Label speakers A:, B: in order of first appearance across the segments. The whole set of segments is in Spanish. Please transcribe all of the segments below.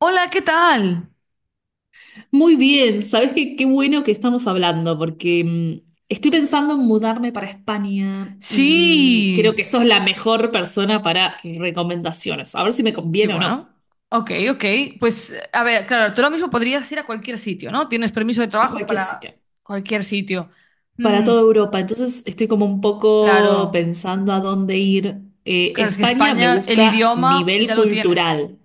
A: Hola, ¿qué tal?
B: Muy bien, ¿sabes qué? Qué bueno que estamos hablando, porque estoy pensando en mudarme para España y creo
A: Sí,
B: que sos la mejor persona para recomendaciones. A ver si me
A: sí,
B: conviene o no.
A: bueno. Ok, ok. Pues, a ver, claro, tú lo mismo podrías ir a cualquier sitio, ¿no? Tienes permiso de
B: A
A: trabajo
B: cualquier sitio.
A: para cualquier sitio.
B: Para
A: Mm,
B: toda Europa. Entonces estoy como un poco
A: claro,
B: pensando a dónde ir.
A: claro, es que
B: España me
A: España, el
B: gusta
A: idioma ya lo tienes.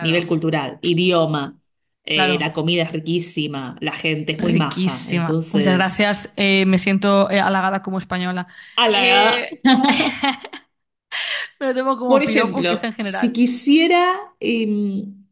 B: nivel cultural, idioma.
A: claro.
B: La comida es riquísima, la gente es muy maja.
A: Riquísima. Muchas gracias.
B: Entonces.
A: Me siento halagada como española.
B: A la
A: Eh, Me lo tomo
B: Por
A: como piropo, que es
B: ejemplo,
A: en
B: si
A: general.
B: quisiera,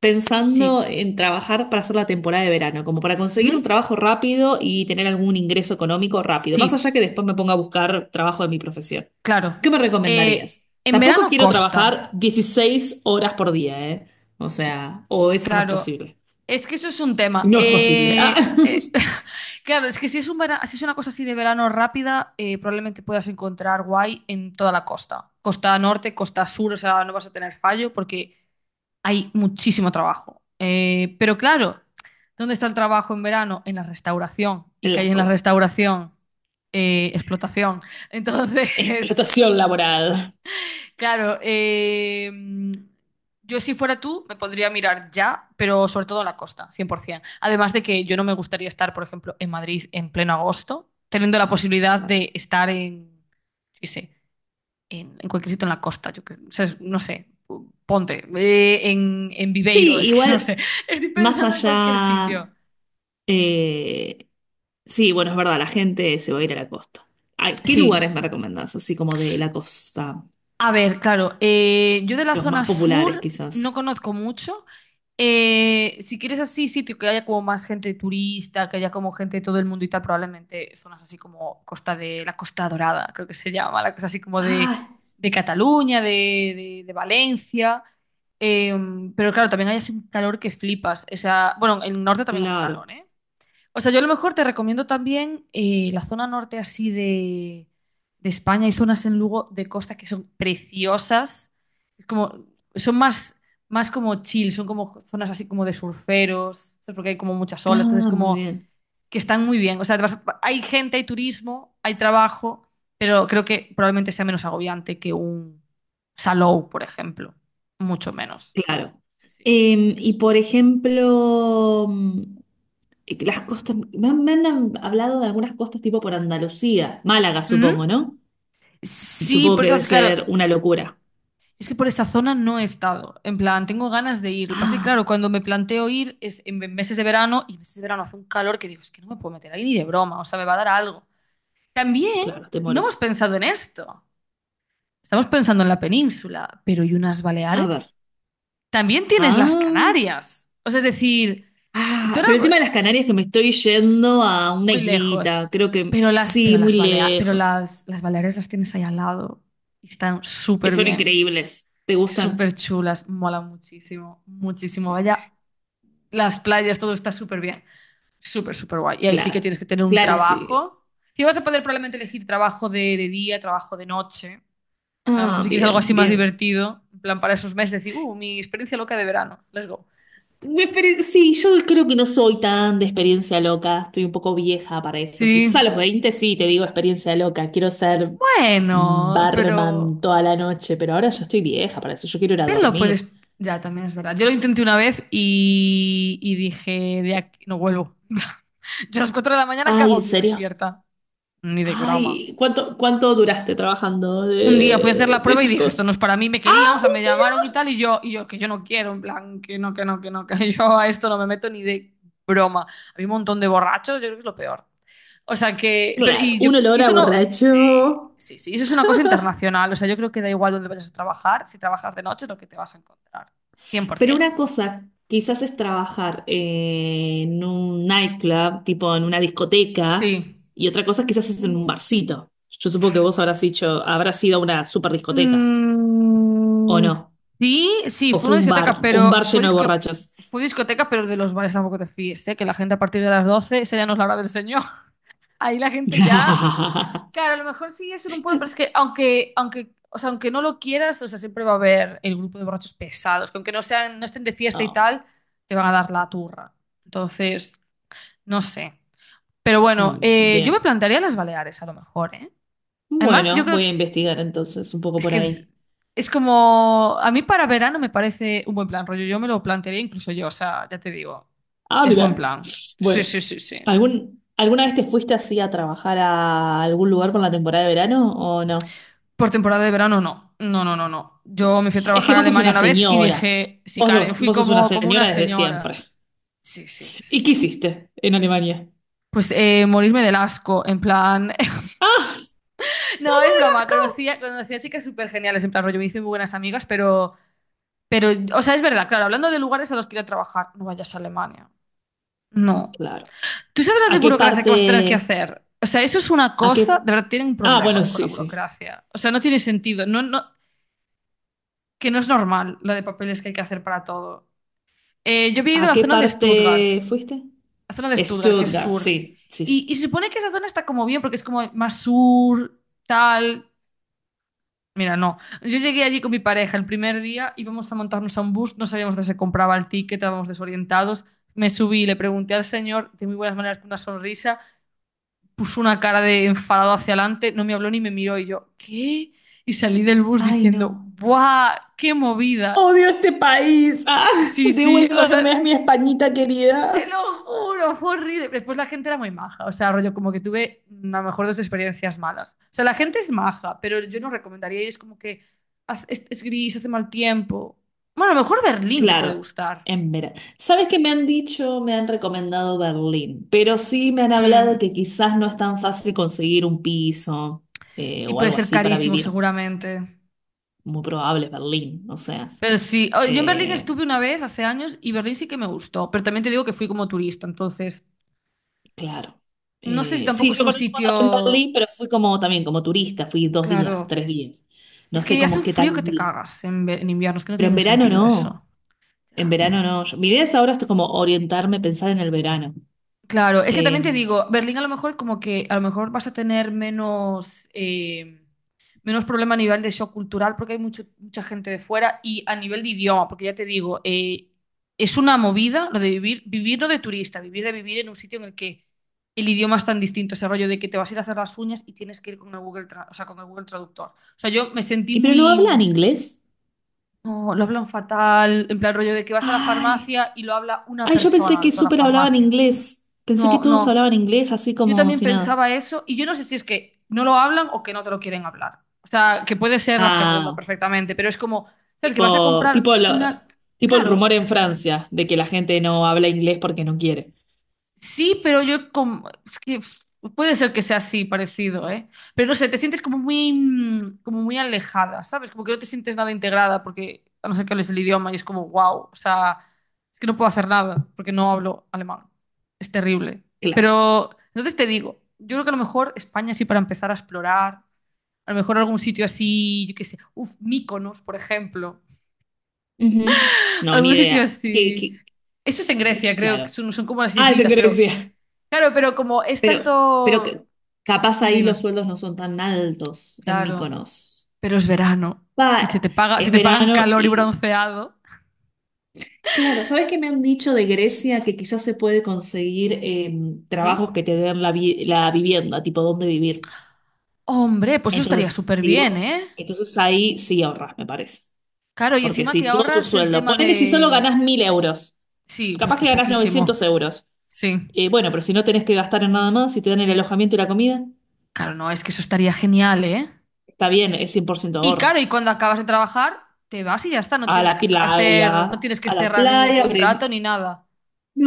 B: pensando
A: Sí.
B: en trabajar para hacer la temporada de verano, como para
A: Ujú.
B: conseguir un trabajo rápido y tener algún ingreso económico rápido, más allá
A: Sí,
B: que después me ponga a buscar trabajo de mi profesión,
A: claro.
B: ¿qué me recomendarías?
A: En
B: Tampoco
A: verano
B: quiero
A: costa.
B: trabajar 16 horas por día, ¿eh? O sea, o eso no es
A: Claro,
B: posible.
A: es que eso es un tema.
B: No es posible. Ah,
A: Claro, es que si es una cosa así de verano rápida, probablemente puedas encontrar guay en toda la costa. Costa norte, costa sur, o sea, no vas a tener fallo porque hay muchísimo trabajo. Pero claro, ¿dónde está el trabajo en verano? En la restauración. ¿Y qué hay
B: la
A: en la
B: costa.
A: restauración? Explotación. Entonces,
B: Explotación laboral.
A: Claro, yo si fuera tú me podría mirar ya, pero sobre todo la costa, 100%. Además de que yo no me gustaría estar, por ejemplo, en Madrid en pleno agosto, teniendo la posibilidad de estar en, yo qué sé, en cualquier sitio en la costa, o sea, no sé, ponte, en Viveiro,
B: Sí,
A: es que no sé,
B: igual,
A: estoy
B: más
A: pensando en cualquier
B: allá.
A: sitio.
B: eh, Sí, bueno, es verdad, la gente se va a ir a la costa. Ay, ¿qué lugares
A: Sí,
B: me recomendás? Así como de la costa.
A: a ver, claro, yo de la
B: Los
A: zona
B: más populares,
A: sur no
B: quizás.
A: conozco mucho. Si quieres así sitio que haya como más gente turista, que haya como gente de todo el mundo y tal, probablemente zonas así como Costa de la Costa Dorada, creo que se llama, la cosa así como
B: Ah,
A: de Cataluña, de, de Valencia. Eh, pero claro, también hay así un calor que flipas. O sea, bueno, en el norte también hace
B: claro.
A: calor, ¿eh? O sea, yo a lo mejor te recomiendo también la zona norte así de España. Hay zonas en Lugo de costa que son preciosas. Es como, son más, más como chill, son como zonas así como de surferos, ¿sabes? Porque hay como muchas olas, entonces
B: Ah, muy
A: como
B: bien.
A: que están muy bien. O sea, hay gente, hay turismo, hay trabajo, pero creo que probablemente sea menos agobiante que un Salou, por ejemplo. Mucho menos.
B: Claro.
A: Sí, sí.
B: Y por ejemplo, las costas. Me han hablado de algunas costas tipo por Andalucía. Málaga,
A: Ujú.
B: supongo, ¿no?
A: Sí,
B: Supongo
A: por
B: que
A: eso,
B: debe
A: claro,
B: ser una locura.
A: es que por esa zona no he estado. En plan, tengo ganas de ir. Lo que pasa es que,
B: Ah,
A: claro, cuando me planteo ir es en meses de verano y en meses de verano hace un calor que digo, es que no me puedo meter ahí ni de broma, o sea, me va a dar algo. También
B: claro, te
A: no hemos
B: morís.
A: pensado en esto. Estamos pensando en la península, pero ¿y unas
B: A ver.
A: Baleares? También tienes las
B: Ah.
A: Canarias. O sea, es decir, tú
B: Ah, pero el
A: ahora
B: tema de las Canarias es que me estoy yendo a una
A: muy lejos,
B: islita, creo que
A: pero las, pero
B: sí, muy
A: las, Balea- pero
B: lejos.
A: las, las Baleares las tienes ahí al lado y están súper
B: Son
A: bien,
B: increíbles. ¿Te gustan?
A: súper chulas, mola muchísimo, muchísimo. Vaya las playas, todo está súper bien. Súper, súper guay. Y ahí sí que
B: Claro,
A: tienes que tener un
B: claro, sí.
A: trabajo. Si vas a poder probablemente elegir trabajo de día, trabajo de noche. A lo mejor
B: Ah,
A: si quieres algo así
B: bien,
A: más
B: bien.
A: divertido, en plan para esos meses, decir, mi experiencia loca de verano, let's go.
B: Sí, yo creo que no soy tan de experiencia loca, estoy un poco vieja para eso. Quizás a
A: Sí,
B: los 20 sí te digo experiencia loca, quiero ser
A: bueno,
B: barman
A: pero,
B: toda la noche, pero ahora yo estoy vieja para eso, yo quiero ir a
A: pero lo
B: dormir.
A: puedes, ya también es verdad. Yo lo intenté una vez y dije, de aquí no vuelvo. Yo a las 4 de la mañana, ¿qué
B: Ay,
A: hago
B: ¿en
A: aquí
B: serio?
A: despierta? Ni de broma.
B: Ay, ¿cuánto, cuánto duraste trabajando
A: Un día fui a hacer la
B: de
A: prueba y
B: esas
A: dije, esto
B: cosas?
A: no es para mí, me querían,
B: Ah,
A: o sea, me llamaron y tal, y yo, que yo no quiero, en plan, que no, que no, que no, que yo a esto no me meto ni de broma. Había un montón de borrachos, yo creo que es lo peor. O sea, que, pero,
B: claro,
A: y yo,
B: un
A: y
B: olor a
A: eso no, sí,
B: borracho.
A: sí, sí, eso es una cosa internacional, o sea, yo creo que da igual dónde vayas a trabajar, si trabajas de noche es lo que te vas a encontrar,
B: Pero
A: 100%.
B: una cosa, quizás es trabajar en un nightclub, tipo en una discoteca,
A: Sí.
B: y otra cosa quizás es en un barcito. Yo supongo que vos habrás dicho, habrás sido una super discoteca, o
A: Mm,
B: no,
A: sí, sí,
B: o
A: fue
B: fue
A: una
B: un bar,
A: discoteca,
B: o un
A: pero
B: bar lleno de borrachos.
A: fue discoteca, pero de los bares tampoco te fíes, ¿eh? Que la gente a partir de las 12, esa ya no es la hora del señor. Ahí la gente ya, claro, a lo mejor sí es en un pueblo, pero es que aunque, o sea, aunque no lo quieras, o sea, siempre va a haber el grupo de borrachos pesados, que aunque no sean, no estén de fiesta y
B: Oh,
A: tal, te van a dar la turra. Entonces, no sé. Pero bueno, yo me
B: bien.
A: plantearía las Baleares a lo mejor, ¿eh? Además, yo
B: Bueno,
A: creo,
B: voy a investigar entonces un poco
A: es
B: por
A: que es
B: ahí.
A: es como, a mí para verano me parece un buen plan, rollo, yo me lo plantearía incluso yo, o sea, ya te digo,
B: Ah,
A: es buen
B: mira.
A: plan. Sí,
B: Bueno,
A: sí, sí, sí.
B: ¿algún, alguna vez te fuiste así a trabajar a algún lugar por la temporada de verano o no?
A: Por temporada de verano no, no, no, no, no. Yo
B: Claro.
A: me fui a
B: Es que
A: trabajar a
B: vos sos
A: Alemania
B: una
A: una vez y
B: señora.
A: dije, sí,
B: Vos
A: claro, yo
B: dos,
A: fui
B: vos sos una
A: como, como una
B: señora desde
A: señora.
B: siempre.
A: Sí, sí, sí,
B: ¿Y qué
A: sí.
B: hiciste en Alemania?
A: Pues morirme del asco, en plan...
B: Ah,
A: No, es broma, conocía chicas súper geniales, en plan rollo, me hice muy buenas amigas, pero, o sea, es verdad, claro, hablando de lugares a los que ir a trabajar, no vayas a Alemania. No.
B: claro.
A: ¿Tú sabes la de
B: ¿A qué
A: burocracia que vas a tener que
B: parte?
A: hacer? O sea, eso es una
B: ¿A qué?
A: cosa, de verdad, tienen un
B: Ah, bueno,
A: problema con la
B: sí, sí.
A: burocracia. O sea, no tiene sentido, no, no, que no es normal la de papeles que hay que hacer para todo. Yo había ido a
B: ¿A
A: la
B: qué
A: zona de Stuttgart,
B: parte fuiste?
A: que es
B: Stuttgart,
A: sur.
B: sí, sí, sí.
A: Y se supone que esa zona está como bien, porque es como más sur, tal. Mira, no. Yo llegué allí con mi pareja el primer día, íbamos a montarnos a un bus, no sabíamos dónde se compraba el ticket, estábamos desorientados. Me subí, le pregunté al señor, de muy buenas maneras, con una sonrisa, puso una cara de enfadado hacia adelante, no me habló ni me miró y yo, ¿qué? Y salí del bus
B: Ay,
A: diciendo,
B: no.
A: ¡buah! ¡Qué movida!
B: Odio este país. Ah,
A: Sí, sí, o sea,
B: devuélvame a mi Españita querida.
A: te lo juro, fue horrible. Después la gente era muy maja, o sea, rollo como que tuve a lo mejor dos experiencias malas. O sea, la gente es maja, pero yo no recomendaría y es como que es gris, hace mal tiempo. Bueno, a lo mejor Berlín te puede
B: Claro,
A: gustar.
B: en verano. ¿Sabes qué me han dicho? Me han recomendado Berlín, pero sí me han hablado
A: Mm,
B: que quizás no es tan fácil conseguir un piso
A: Y
B: o
A: puede
B: algo
A: ser
B: así para
A: carísimo
B: vivir.
A: seguramente.
B: Muy probable es Berlín, o sea,
A: Pero sí, o- yo en Berlín
B: eh,
A: estuve una vez hace años y Berlín sí que me gustó, pero también te digo que fui como turista, entonces
B: claro.
A: no sé si tampoco
B: Sí,
A: es
B: yo
A: un
B: conozco también
A: sitio,
B: Berlín, pero fui como también como turista, fui 2 días,
A: claro,
B: 3 días. No
A: es
B: sé
A: que hace
B: cómo
A: un
B: qué
A: frío
B: tal
A: que te
B: vivir.
A: cagas en invierno, es que no
B: Pero
A: tiene
B: en
A: ningún
B: verano
A: sentido
B: no,
A: eso.
B: en
A: Ya.
B: verano no. Yo- mi idea es ahora esto como orientarme, pensar en el verano.
A: Claro, es que también te
B: Eh,
A: digo, Berlín a lo mejor como que a lo mejor vas a tener menos, menos problema a nivel de shock cultural porque hay mucho, mucha gente de fuera y a nivel de idioma, porque ya te digo, es una movida lo de vivir, vivir no de turista, vivir de vivir en un sitio en el que el idioma es tan distinto, ese rollo de que te vas a ir a hacer las uñas y tienes que ir con el Google, o sea, con el Google Traductor. O sea, yo me sentí
B: pero no hablan
A: muy...
B: inglés.
A: No, lo hablan fatal, en plan rollo de que vas a la
B: Ay.
A: farmacia y lo habla una
B: Ay, yo pensé
A: persona de
B: que
A: toda la
B: súper hablaban
A: farmacia.
B: inglés. Pensé que
A: No,
B: todos
A: no.
B: hablaban inglés así
A: Yo
B: como
A: también
B: si nada.
A: pensaba eso y yo no sé si es que no lo hablan o que no te lo quieren hablar. O sea, que puede ser la segunda
B: Ah,
A: perfectamente, pero es como, ¿sabes? Que vas a
B: tipo,
A: comprar
B: tipo,
A: una...
B: tipo el
A: Claro,
B: rumor en Francia de que la gente no habla inglés porque no quiere.
A: sí, pero yo como... Es que pff, puede ser que sea así, parecido, ¿eh? Pero no sé, te sientes como muy, como muy alejada, ¿sabes? Como que no te sientes nada integrada porque, a no ser que hables el idioma y es como, wow, o sea, es que no puedo hacer nada porque no hablo alemán. Es terrible.
B: Claro.
A: Pero, entonces te digo, yo creo que a lo mejor España sí para empezar a explorar. A lo mejor algún sitio así, yo qué sé, uf, Mykonos, por ejemplo.
B: Ujú. No, ni
A: Algún sitio
B: idea.
A: así. Eso es en Grecia, creo, que
B: Claro.
A: son, son como las
B: Ah, es en
A: islitas, pero
B: Grecia.
A: claro, pero como es
B: Pero, pero
A: tanto.
B: que- capaz
A: Dime,
B: ahí los
A: dime.
B: sueldos no son tan altos en
A: Claro,
B: Mykonos.
A: pero es verano y se
B: Va,
A: te paga, se
B: es
A: te pagan
B: verano
A: calor y
B: y
A: bronceado.
B: claro, ¿sabes qué me han dicho de Grecia? Que quizás se puede conseguir
A: ¿Sí?
B: trabajos que te den la vivienda, tipo dónde vivir.
A: Hombre, pues eso estaría
B: Entonces,
A: súper
B: si
A: bien,
B: vos-
A: ¿eh?
B: entonces ahí sí ahorras, me parece.
A: Claro, y
B: Porque
A: encima te
B: si todo tu
A: ahorras el
B: sueldo,
A: tema
B: ponele si solo
A: de.
B: ganás 1.000 euros,
A: Sí, pues
B: capaz
A: que
B: que
A: es
B: ganás 900
A: poquísimo.
B: euros.
A: Sí.
B: Bueno, pero si no tenés que gastar en nada más, si te dan el alojamiento y la comida,
A: Claro, no, es que eso estaría genial, ¿eh?
B: está bien, es 100%
A: Y claro,
B: ahorro.
A: y cuando acabas de trabajar, te vas y ya está, no
B: A
A: tienes
B: la,
A: que
B: playa,
A: hacer,
B: a
A: no
B: la
A: tienes que cerrar ningún
B: playa,
A: contrato ni nada.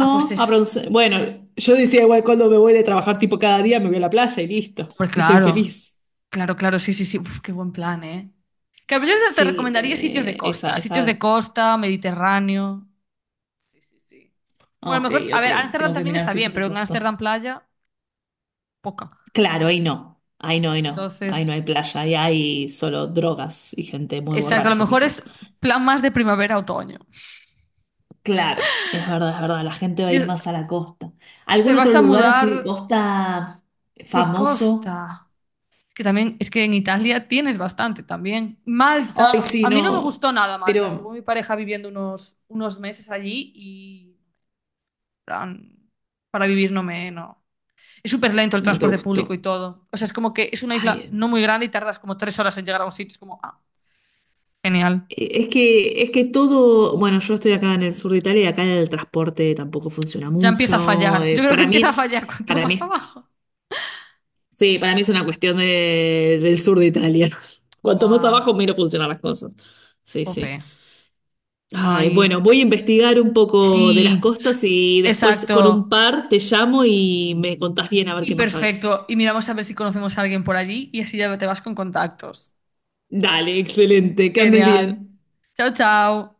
A: Ah, pues es,
B: bueno, yo decía igual cuando me voy de trabajar tipo cada día, me voy a la playa y listo.
A: hombre,
B: Y soy
A: claro,
B: feliz.
A: claro, claro, sí, sí, sí, uf, qué buen plan, ¿eh? Que yo te
B: Sí,
A: recomendaría
B: esa,
A: sitios de
B: esa.
A: costa, Mediterráneo. Sí, sí, sí. Bueno, a
B: Ok,
A: lo mejor, a
B: ok.
A: ver, Ámsterdam
B: Tengo que
A: también
B: mirar
A: está bien,
B: sitios de
A: pero en
B: costa.
A: Ámsterdam playa, poca.
B: Claro, ahí no. Ahí no, ahí no. Ahí no
A: Entonces,
B: hay playa, ahí hay solo drogas y gente muy
A: exacto, a lo
B: borracha
A: mejor es
B: quizás.
A: plan más de primavera-otoño.
B: Claro, es verdad, es verdad. La gente va a ir
A: Dios,
B: más a la costa.
A: te
B: ¿Algún
A: vas
B: otro
A: a
B: lugar
A: mudar
B: así de costa
A: de
B: famoso?
A: costa. Es que también, es que en Italia tienes bastante también.
B: Ay,
A: Malta,
B: sí,
A: a mí no me
B: no.
A: gustó nada Malta. Estuvo
B: Pero
A: mi pareja viviendo unos, unos meses allí y plan, para vivir no me... No. Es súper lento el
B: no te
A: transporte público y
B: gustó.
A: todo. O sea, es como que es una isla
B: Ay,
A: no muy grande y tardas como tres horas en llegar a un sitio. Es como, ah, genial.
B: Es que, todo, bueno, yo estoy acá en el sur de Italia y acá el transporte tampoco funciona
A: Ya empieza a
B: mucho.
A: fallar. Yo creo que
B: Para mí
A: empieza a
B: es,
A: fallar cuanto
B: para mí
A: más
B: es,
A: abajo.
B: sí, para mí es una cuestión de- del sur de Italia. Cuanto más
A: Buah,
B: abajo, menos funcionan las cosas. Sí, sí.
A: jope.
B: Ay,
A: Ay,
B: bueno, voy a investigar un poco de las
A: sí,
B: costas y después con un
A: exacto.
B: par te llamo y me contás bien a ver
A: Y
B: qué más sabes.
A: perfecto. Y miramos a ver si conocemos a alguien por allí y así ya te vas con contactos.
B: Dale, excelente, que andes bien.
A: Genial. Chao, chao.